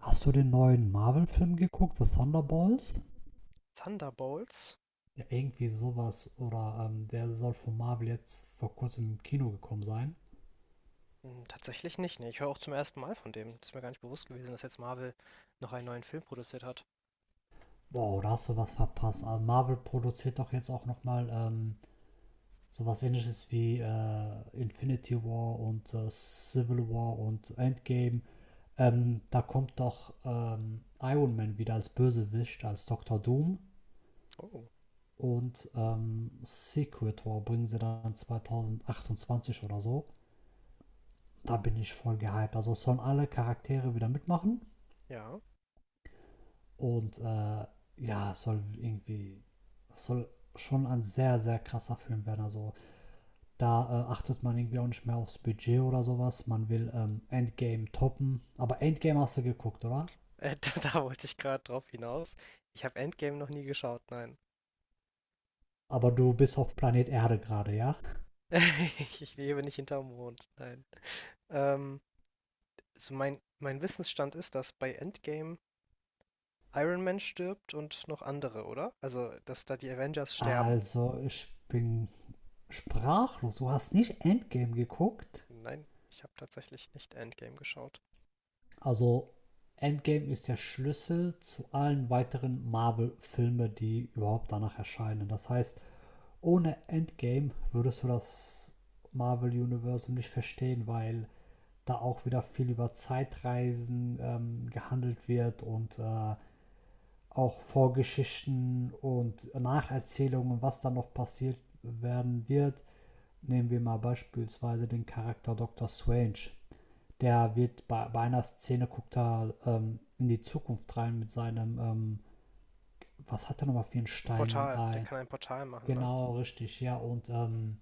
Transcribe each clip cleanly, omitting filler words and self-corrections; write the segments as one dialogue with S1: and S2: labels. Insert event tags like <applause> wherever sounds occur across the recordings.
S1: Hast du den neuen Marvel-Film geguckt, The Thunderbolts?
S2: Thunderbolts?
S1: Ja, irgendwie sowas. Oder Der soll von Marvel jetzt vor kurzem im Kino gekommen sein.
S2: Tatsächlich nicht, ne. Ich höre auch zum ersten Mal von dem. Das ist mir gar nicht bewusst gewesen, dass jetzt Marvel noch einen neuen Film produziert hat.
S1: Wow, da hast du was verpasst. Also Marvel produziert doch jetzt auch nochmal sowas ähnliches wie Infinity War und Civil War und Endgame. Da kommt doch Iron Man wieder als Bösewicht, als Dr. Doom.
S2: Oh.
S1: Secret War bringen sie dann 2028 oder so. Da bin ich voll gehypt. Also sollen alle Charaktere wieder mitmachen
S2: Ja. <laughs>
S1: und äh, ja, soll irgendwie, soll schon ein sehr, sehr krasser Film werden. Also da achtet man irgendwie auch nicht mehr aufs Budget oder sowas. Man will Endgame toppen. Aber Endgame hast du geguckt, oder?
S2: Da wollte ich gerade drauf hinaus. Ich habe Endgame noch nie geschaut, nein.
S1: Aber du bist auf Planet Erde gerade, ja?
S2: <laughs> Ich lebe nicht hinterm Mond, nein. Ähm, also mein Wissensstand ist, dass bei Endgame Iron Man stirbt und noch andere, oder? Also, dass da die Avengers sterben.
S1: Also ich bin sprachlos. Du hast nicht Endgame geguckt?
S2: Nein, ich habe tatsächlich nicht Endgame geschaut.
S1: Also Endgame ist der Schlüssel zu allen weiteren Marvel-Filmen, die überhaupt danach erscheinen. Das heißt, ohne Endgame würdest du das Marvel-Universum nicht verstehen, weil da auch wieder viel über Zeitreisen gehandelt wird und auch Vorgeschichten und Nacherzählungen, was da noch passiert werden wird. Nehmen wir mal beispielsweise den Charakter Dr. Strange, der wird bei einer Szene, guckt er in die Zukunft rein mit seinem, was hat er nochmal für einen
S2: Ein
S1: Stein?
S2: Portal, der kann ein Portal machen, ne?
S1: Genau, richtig, ja. Und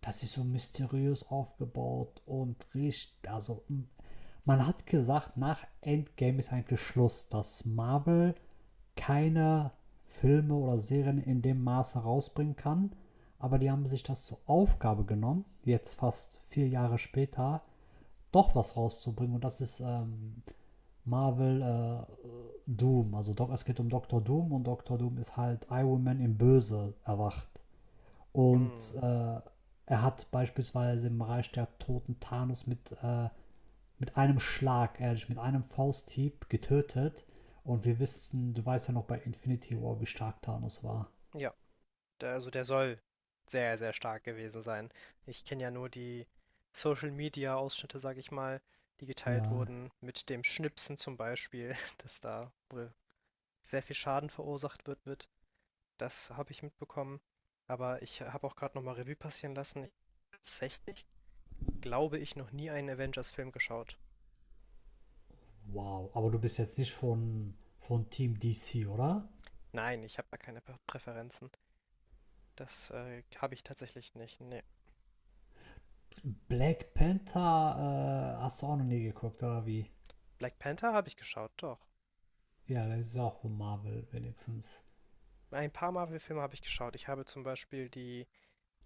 S1: das ist so mysteriös aufgebaut und riecht, also man hat gesagt, nach Endgame ist eigentlich Schluss, dass Marvel keine Filme oder Serien in dem Maße rausbringen kann. Aber die haben sich das zur Aufgabe genommen, jetzt fast 4 Jahre später, doch was rauszubringen. Und das ist Marvel Doom. Also Doc, es geht um Dr. Doom, und Dr. Doom ist halt Iron Man im Böse erwacht. Und
S2: Hm,
S1: äh, Er hat beispielsweise im Reich der Toten Thanos mit einem Schlag, ehrlich, mit einem Fausthieb getötet. Und wir wissen, du weißt ja noch bei Infinity War, wie stark Thanos war.
S2: ja. Also der soll sehr, sehr stark gewesen sein. Ich kenne ja nur die Social Media Ausschnitte, sag ich mal, die geteilt
S1: Ja.
S2: wurden, mit dem Schnipsen zum Beispiel, <laughs> dass da wohl sehr viel Schaden verursacht wird. Das habe ich mitbekommen. Aber ich habe auch gerade nochmal Revue passieren lassen. Tatsächlich glaube ich noch nie einen Avengers-Film geschaut.
S1: Wow. Aber du bist jetzt nicht von Team DC, oder?
S2: Nein, ich habe da keine Prä- Präferenzen. Das habe ich tatsächlich nicht. Nee.
S1: Black Panther hast du auch noch nie geguckt, oder wie?
S2: Black Panther habe ich geschaut, doch.
S1: Ja, das ist auch von Marvel wenigstens.
S2: Ein paar Marvel-Filme habe ich geschaut. Ich habe zum Beispiel die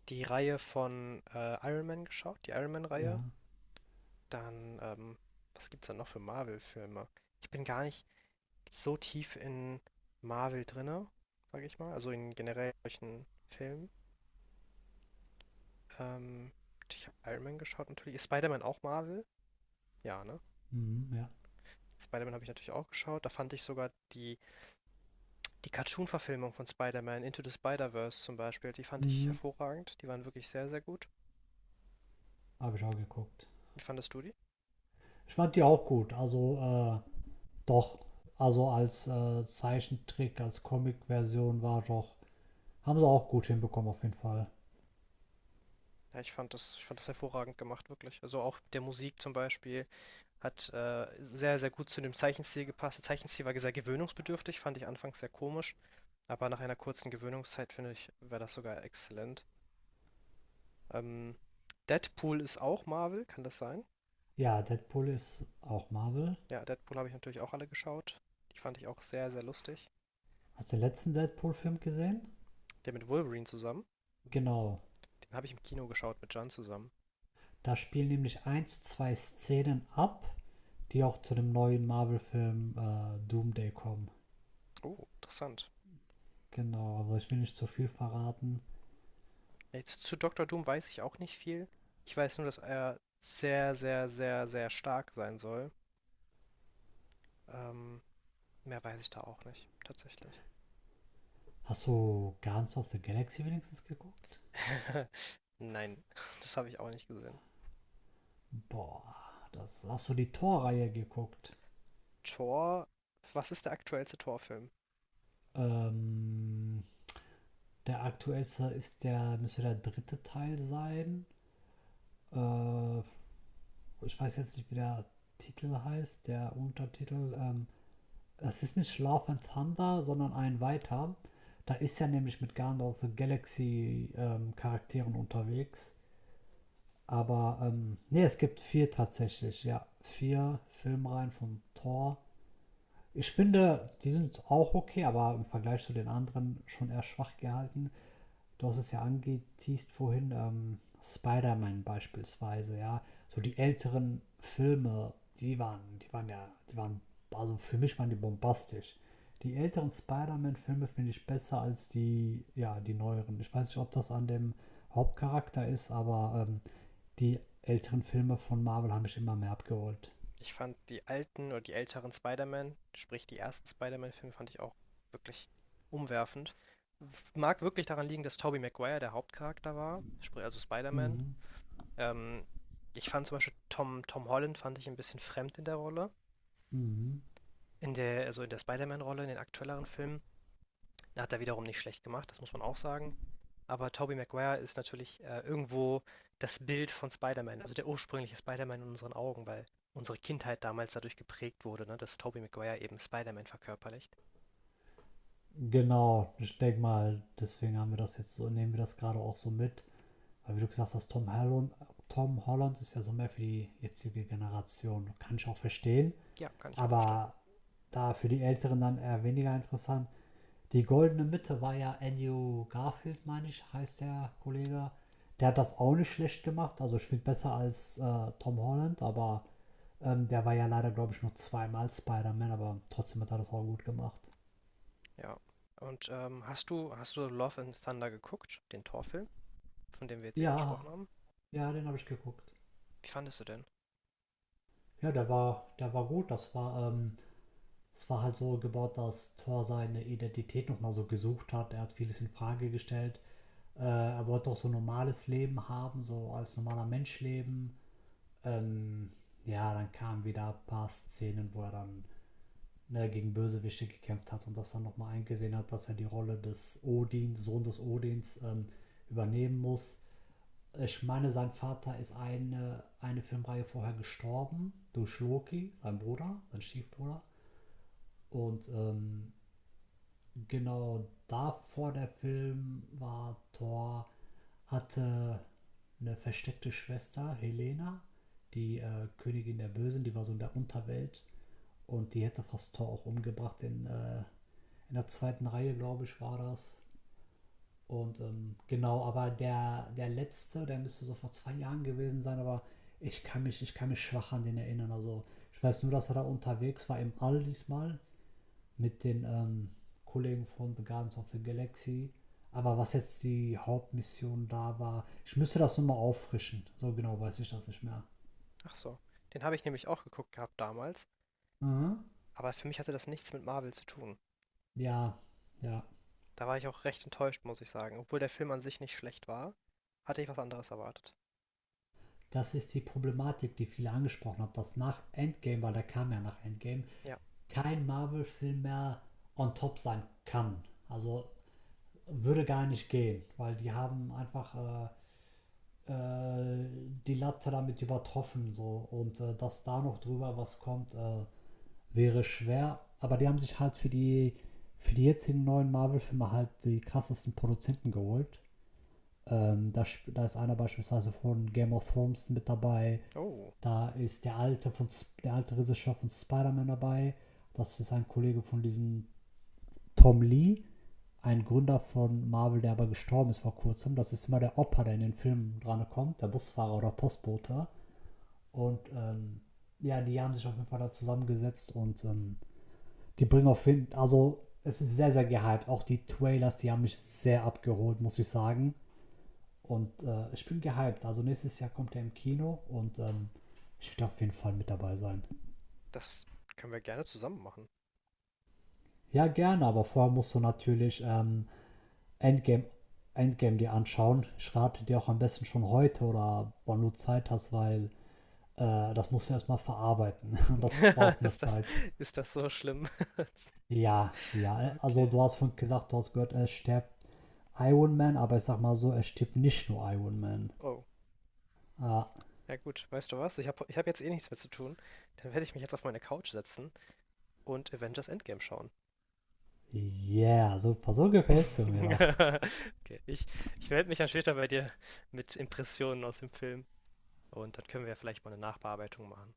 S2: die Reihe von Iron Man geschaut, die Iron Man-Reihe.
S1: Ja.
S2: Dann, was gibt's da noch für Marvel-Filme? Ich bin gar nicht so tief in Marvel drinne, sage ich mal. Also in generell solchen Filmen. Ähm, Ich habe Iron Man geschaut natürlich. Ist Spider-Man auch Marvel? Ja, ne?
S1: Mhm, ja.
S2: Spider-Man habe ich natürlich auch geschaut. Da fand ich sogar die Cartoon-Verfilmung von Spider-Man, Into the Spider-Verse zum Beispiel, die fand ich
S1: Mhm.
S2: hervorragend. Die waren wirklich sehr, sehr gut.
S1: Habe ich auch geguckt.
S2: Wie fandest du die?
S1: Ich fand die auch gut. Also, doch. Also als Zeichentrick, als Comic-Version, war doch. Haben sie auch gut hinbekommen, auf jeden Fall.
S2: Ja, ich fand das hervorragend gemacht, wirklich. Also auch mit der Musik zum Beispiel hat sehr, sehr gut zu dem Zeichenstil gepasst. Der Zeichenstil war sehr gewöhnungsbedürftig, fand ich anfangs sehr komisch, aber nach einer kurzen Gewöhnungszeit, finde ich, wäre das sogar exzellent. Ähm, Deadpool ist auch Marvel, kann das sein?
S1: Ja, Deadpool ist auch Marvel.
S2: Ja, Deadpool habe ich natürlich auch alle geschaut. Die fand ich auch sehr, sehr lustig.
S1: Hast du den letzten Deadpool-Film gesehen?
S2: Der mit Wolverine zusammen,
S1: Genau.
S2: den habe ich im Kino geschaut mit Jan zusammen.
S1: Da spielen nämlich eins, zwei Szenen ab, die auch zu dem neuen Marvel-Film Doomday kommen.
S2: Oh, interessant.
S1: Genau, aber ich will nicht zu viel verraten.
S2: Jetzt zu Dr. Doom weiß ich auch nicht viel. Ich weiß nur, dass er sehr, sehr, sehr, sehr stark sein soll. Ähm, mehr weiß ich da auch nicht, tatsächlich.
S1: Hast du Guardians of the Galaxy wenigstens geguckt?
S2: <laughs> Nein, das habe ich auch nicht gesehen.
S1: Boah, das hast du die Thor-Reihe geguckt.
S2: Thor, was ist der aktuellste Thor-Film?
S1: Ähm, Der aktuellste ist der, müsste der dritte Teil sein. Äh, Ich weiß jetzt nicht, wie der Titel heißt, der Untertitel. Das ist nicht Love and Thunder, sondern ein weiter. Da ist ja nämlich mit Guardians of the Galaxy Charakteren unterwegs. Aber nee, es gibt vier tatsächlich, ja. Vier Filmreihen von Thor. Ich finde, die sind auch okay, aber im Vergleich zu den anderen schon eher schwach gehalten. Du hast es ja angeteased vorhin, Spider-Man beispielsweise, ja. So die älteren Filme, die waren, also für mich waren die bombastisch. Die älteren Spider-Man-Filme finde ich besser als die, ja, die neueren. Ich weiß nicht, ob das an dem Hauptcharakter ist, aber die älteren Filme von Marvel haben mich immer mehr abgeholt.
S2: Ich fand die alten oder die älteren Spider-Man, sprich die ersten Spider-Man-Filme, fand ich auch wirklich umwerfend. Mag wirklich daran liegen, dass Tobey Maguire der Hauptcharakter war, sprich also Spider-Man.
S1: Mhm.
S2: Ähm, ich fand zum Beispiel Tom Holland fand ich ein bisschen fremd in der Rolle.
S1: Mhm.
S2: Also in der Spider-Man-Rolle, in den aktuelleren Filmen. Da hat er wiederum nicht schlecht gemacht, das muss man auch sagen. Aber Tobey Maguire ist natürlich irgendwo das Bild von Spider-Man, also der ursprüngliche Spider-Man in unseren Augen, weil unsere Kindheit damals dadurch geprägt wurde, ne, dass Tobey Maguire eben Spider-Man verkörperlicht.
S1: Genau, ich denke mal, deswegen haben wir das jetzt so, nehmen wir das gerade auch so mit. Weil wie du gesagt hast, Tom Holland ist ja so mehr für die jetzige Generation. Kann ich auch verstehen.
S2: Ja, kann ich auch verstehen.
S1: Aber da für die Älteren dann eher weniger interessant. Die goldene Mitte war ja Andrew Garfield, meine ich, heißt der Kollege. Der hat das auch nicht schlecht gemacht. Also ich finde besser als Tom Holland, aber der war ja leider, glaube ich, nur zweimal Spider-Man, aber trotzdem hat er das auch gut gemacht.
S2: Ja. Und hast du Love and Thunder geguckt, den Torfilm, von dem wir jetzt eben
S1: Ja,
S2: gesprochen haben?
S1: ja, den habe ich geguckt.
S2: Wie fandest du denn?
S1: Ja, der war gut. Das war, es war halt so gebaut, dass Thor seine Identität nochmal so gesucht hat. Er hat vieles in Frage gestellt. Er wollte auch so ein normales Leben haben, so als normaler Mensch leben. Ähm, ja, dann kamen wieder ein paar Szenen, wo er dann, ne, gegen Bösewichte gekämpft hat und das dann nochmal eingesehen hat, dass er die Rolle des Odins, Sohn des Odins, übernehmen muss. Ich meine, sein Vater ist eine Filmreihe vorher gestorben durch Loki, sein Bruder, sein Stiefbruder. Und ähm, genau, davor der Film war Thor, hatte eine versteckte Schwester, Helena, die Königin der Bösen, die war so in der Unterwelt. Und die hätte fast Thor auch umgebracht. In der zweiten Reihe, glaube ich, war das. Genau, aber der letzte, der müsste so vor 2 Jahren gewesen sein, aber ich kann mich schwach an den erinnern. Also ich weiß nur, dass er da unterwegs war im All diesmal mit den Kollegen von The Guardians of the Galaxy. Aber was jetzt die Hauptmission da war, ich müsste das nochmal auffrischen. So genau weiß ich das nicht mehr.
S2: Ach so. Den habe ich nämlich auch geguckt gehabt damals,
S1: Mhm.
S2: aber für mich hatte das nichts mit Marvel zu tun.
S1: Ja, ja.
S2: Da war ich auch recht enttäuscht, muss ich sagen. Obwohl der Film an sich nicht schlecht war, hatte ich was anderes erwartet.
S1: Das ist die Problematik, die viele angesprochen haben. Das nach Endgame, weil der kam ja nach Endgame
S2: Ja.
S1: kein Marvel-Film mehr on top sein kann. Also würde gar nicht gehen, weil die haben einfach äh, äh, die Latte damit übertroffen so, und dass da noch drüber was kommt, wäre schwer. Aber die haben sich halt für die jetzigen neuen Marvel-Filme halt die krassesten Produzenten geholt. Ähm, da, Da ist einer beispielsweise von Game of Thrones mit dabei.
S2: Oh,
S1: Da ist der alte Regisseur von Spider-Man dabei. Das ist ein Kollege von diesem Tom Lee, ein Gründer von Marvel, der aber gestorben ist vor kurzem. Das ist immer der Opa, der in den Filmen dran kommt, der Busfahrer oder Postbote. Und ähm, ja, die haben sich auf jeden Fall da zusammengesetzt, und die bringen auf jeden Fall, also es ist sehr, sehr gehypt. Auch die Trailers, die haben mich sehr abgeholt, muss ich sagen. Und ich bin gehypt. Also nächstes Jahr kommt er im Kino, und ich werde auf jeden Fall mit dabei sein.
S2: das können wir gerne zusammen machen.
S1: Ja, gerne, aber vorher musst du natürlich Endgame, Endgame dir anschauen. Ich rate dir auch am besten schon heute oder wann du Zeit hast, weil das musst du erstmal verarbeiten. <laughs> Und das braucht
S2: <laughs>
S1: eine
S2: Ist das,
S1: Zeit.
S2: ist das so schlimm?
S1: Ja, ja. Also
S2: Okay.
S1: du hast vorhin gesagt, du hast gehört, er stirbt Iron Man, aber ich sag mal so, er stirbt nicht nur Iron Man.
S2: Oh.
S1: Ah,
S2: Ja gut, weißt du was? Ich habe ich hab jetzt eh nichts mehr zu tun. Dann werde ich mich jetzt auf meine Couch setzen und Avengers Endgame schauen. <laughs>
S1: yeah, super. So gefällst du mir doch.
S2: Okay, ich melde mich dann später bei dir mit Impressionen aus dem Film. Und dann können wir ja vielleicht mal eine Nachbearbeitung machen.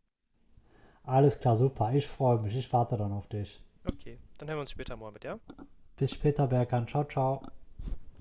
S1: Alles klar, super. Ich freue mich. Ich warte dann auf dich.
S2: Okay, dann hören wir uns später mal mit, ja?
S1: Bis später, Berkan. Ciao, ciao.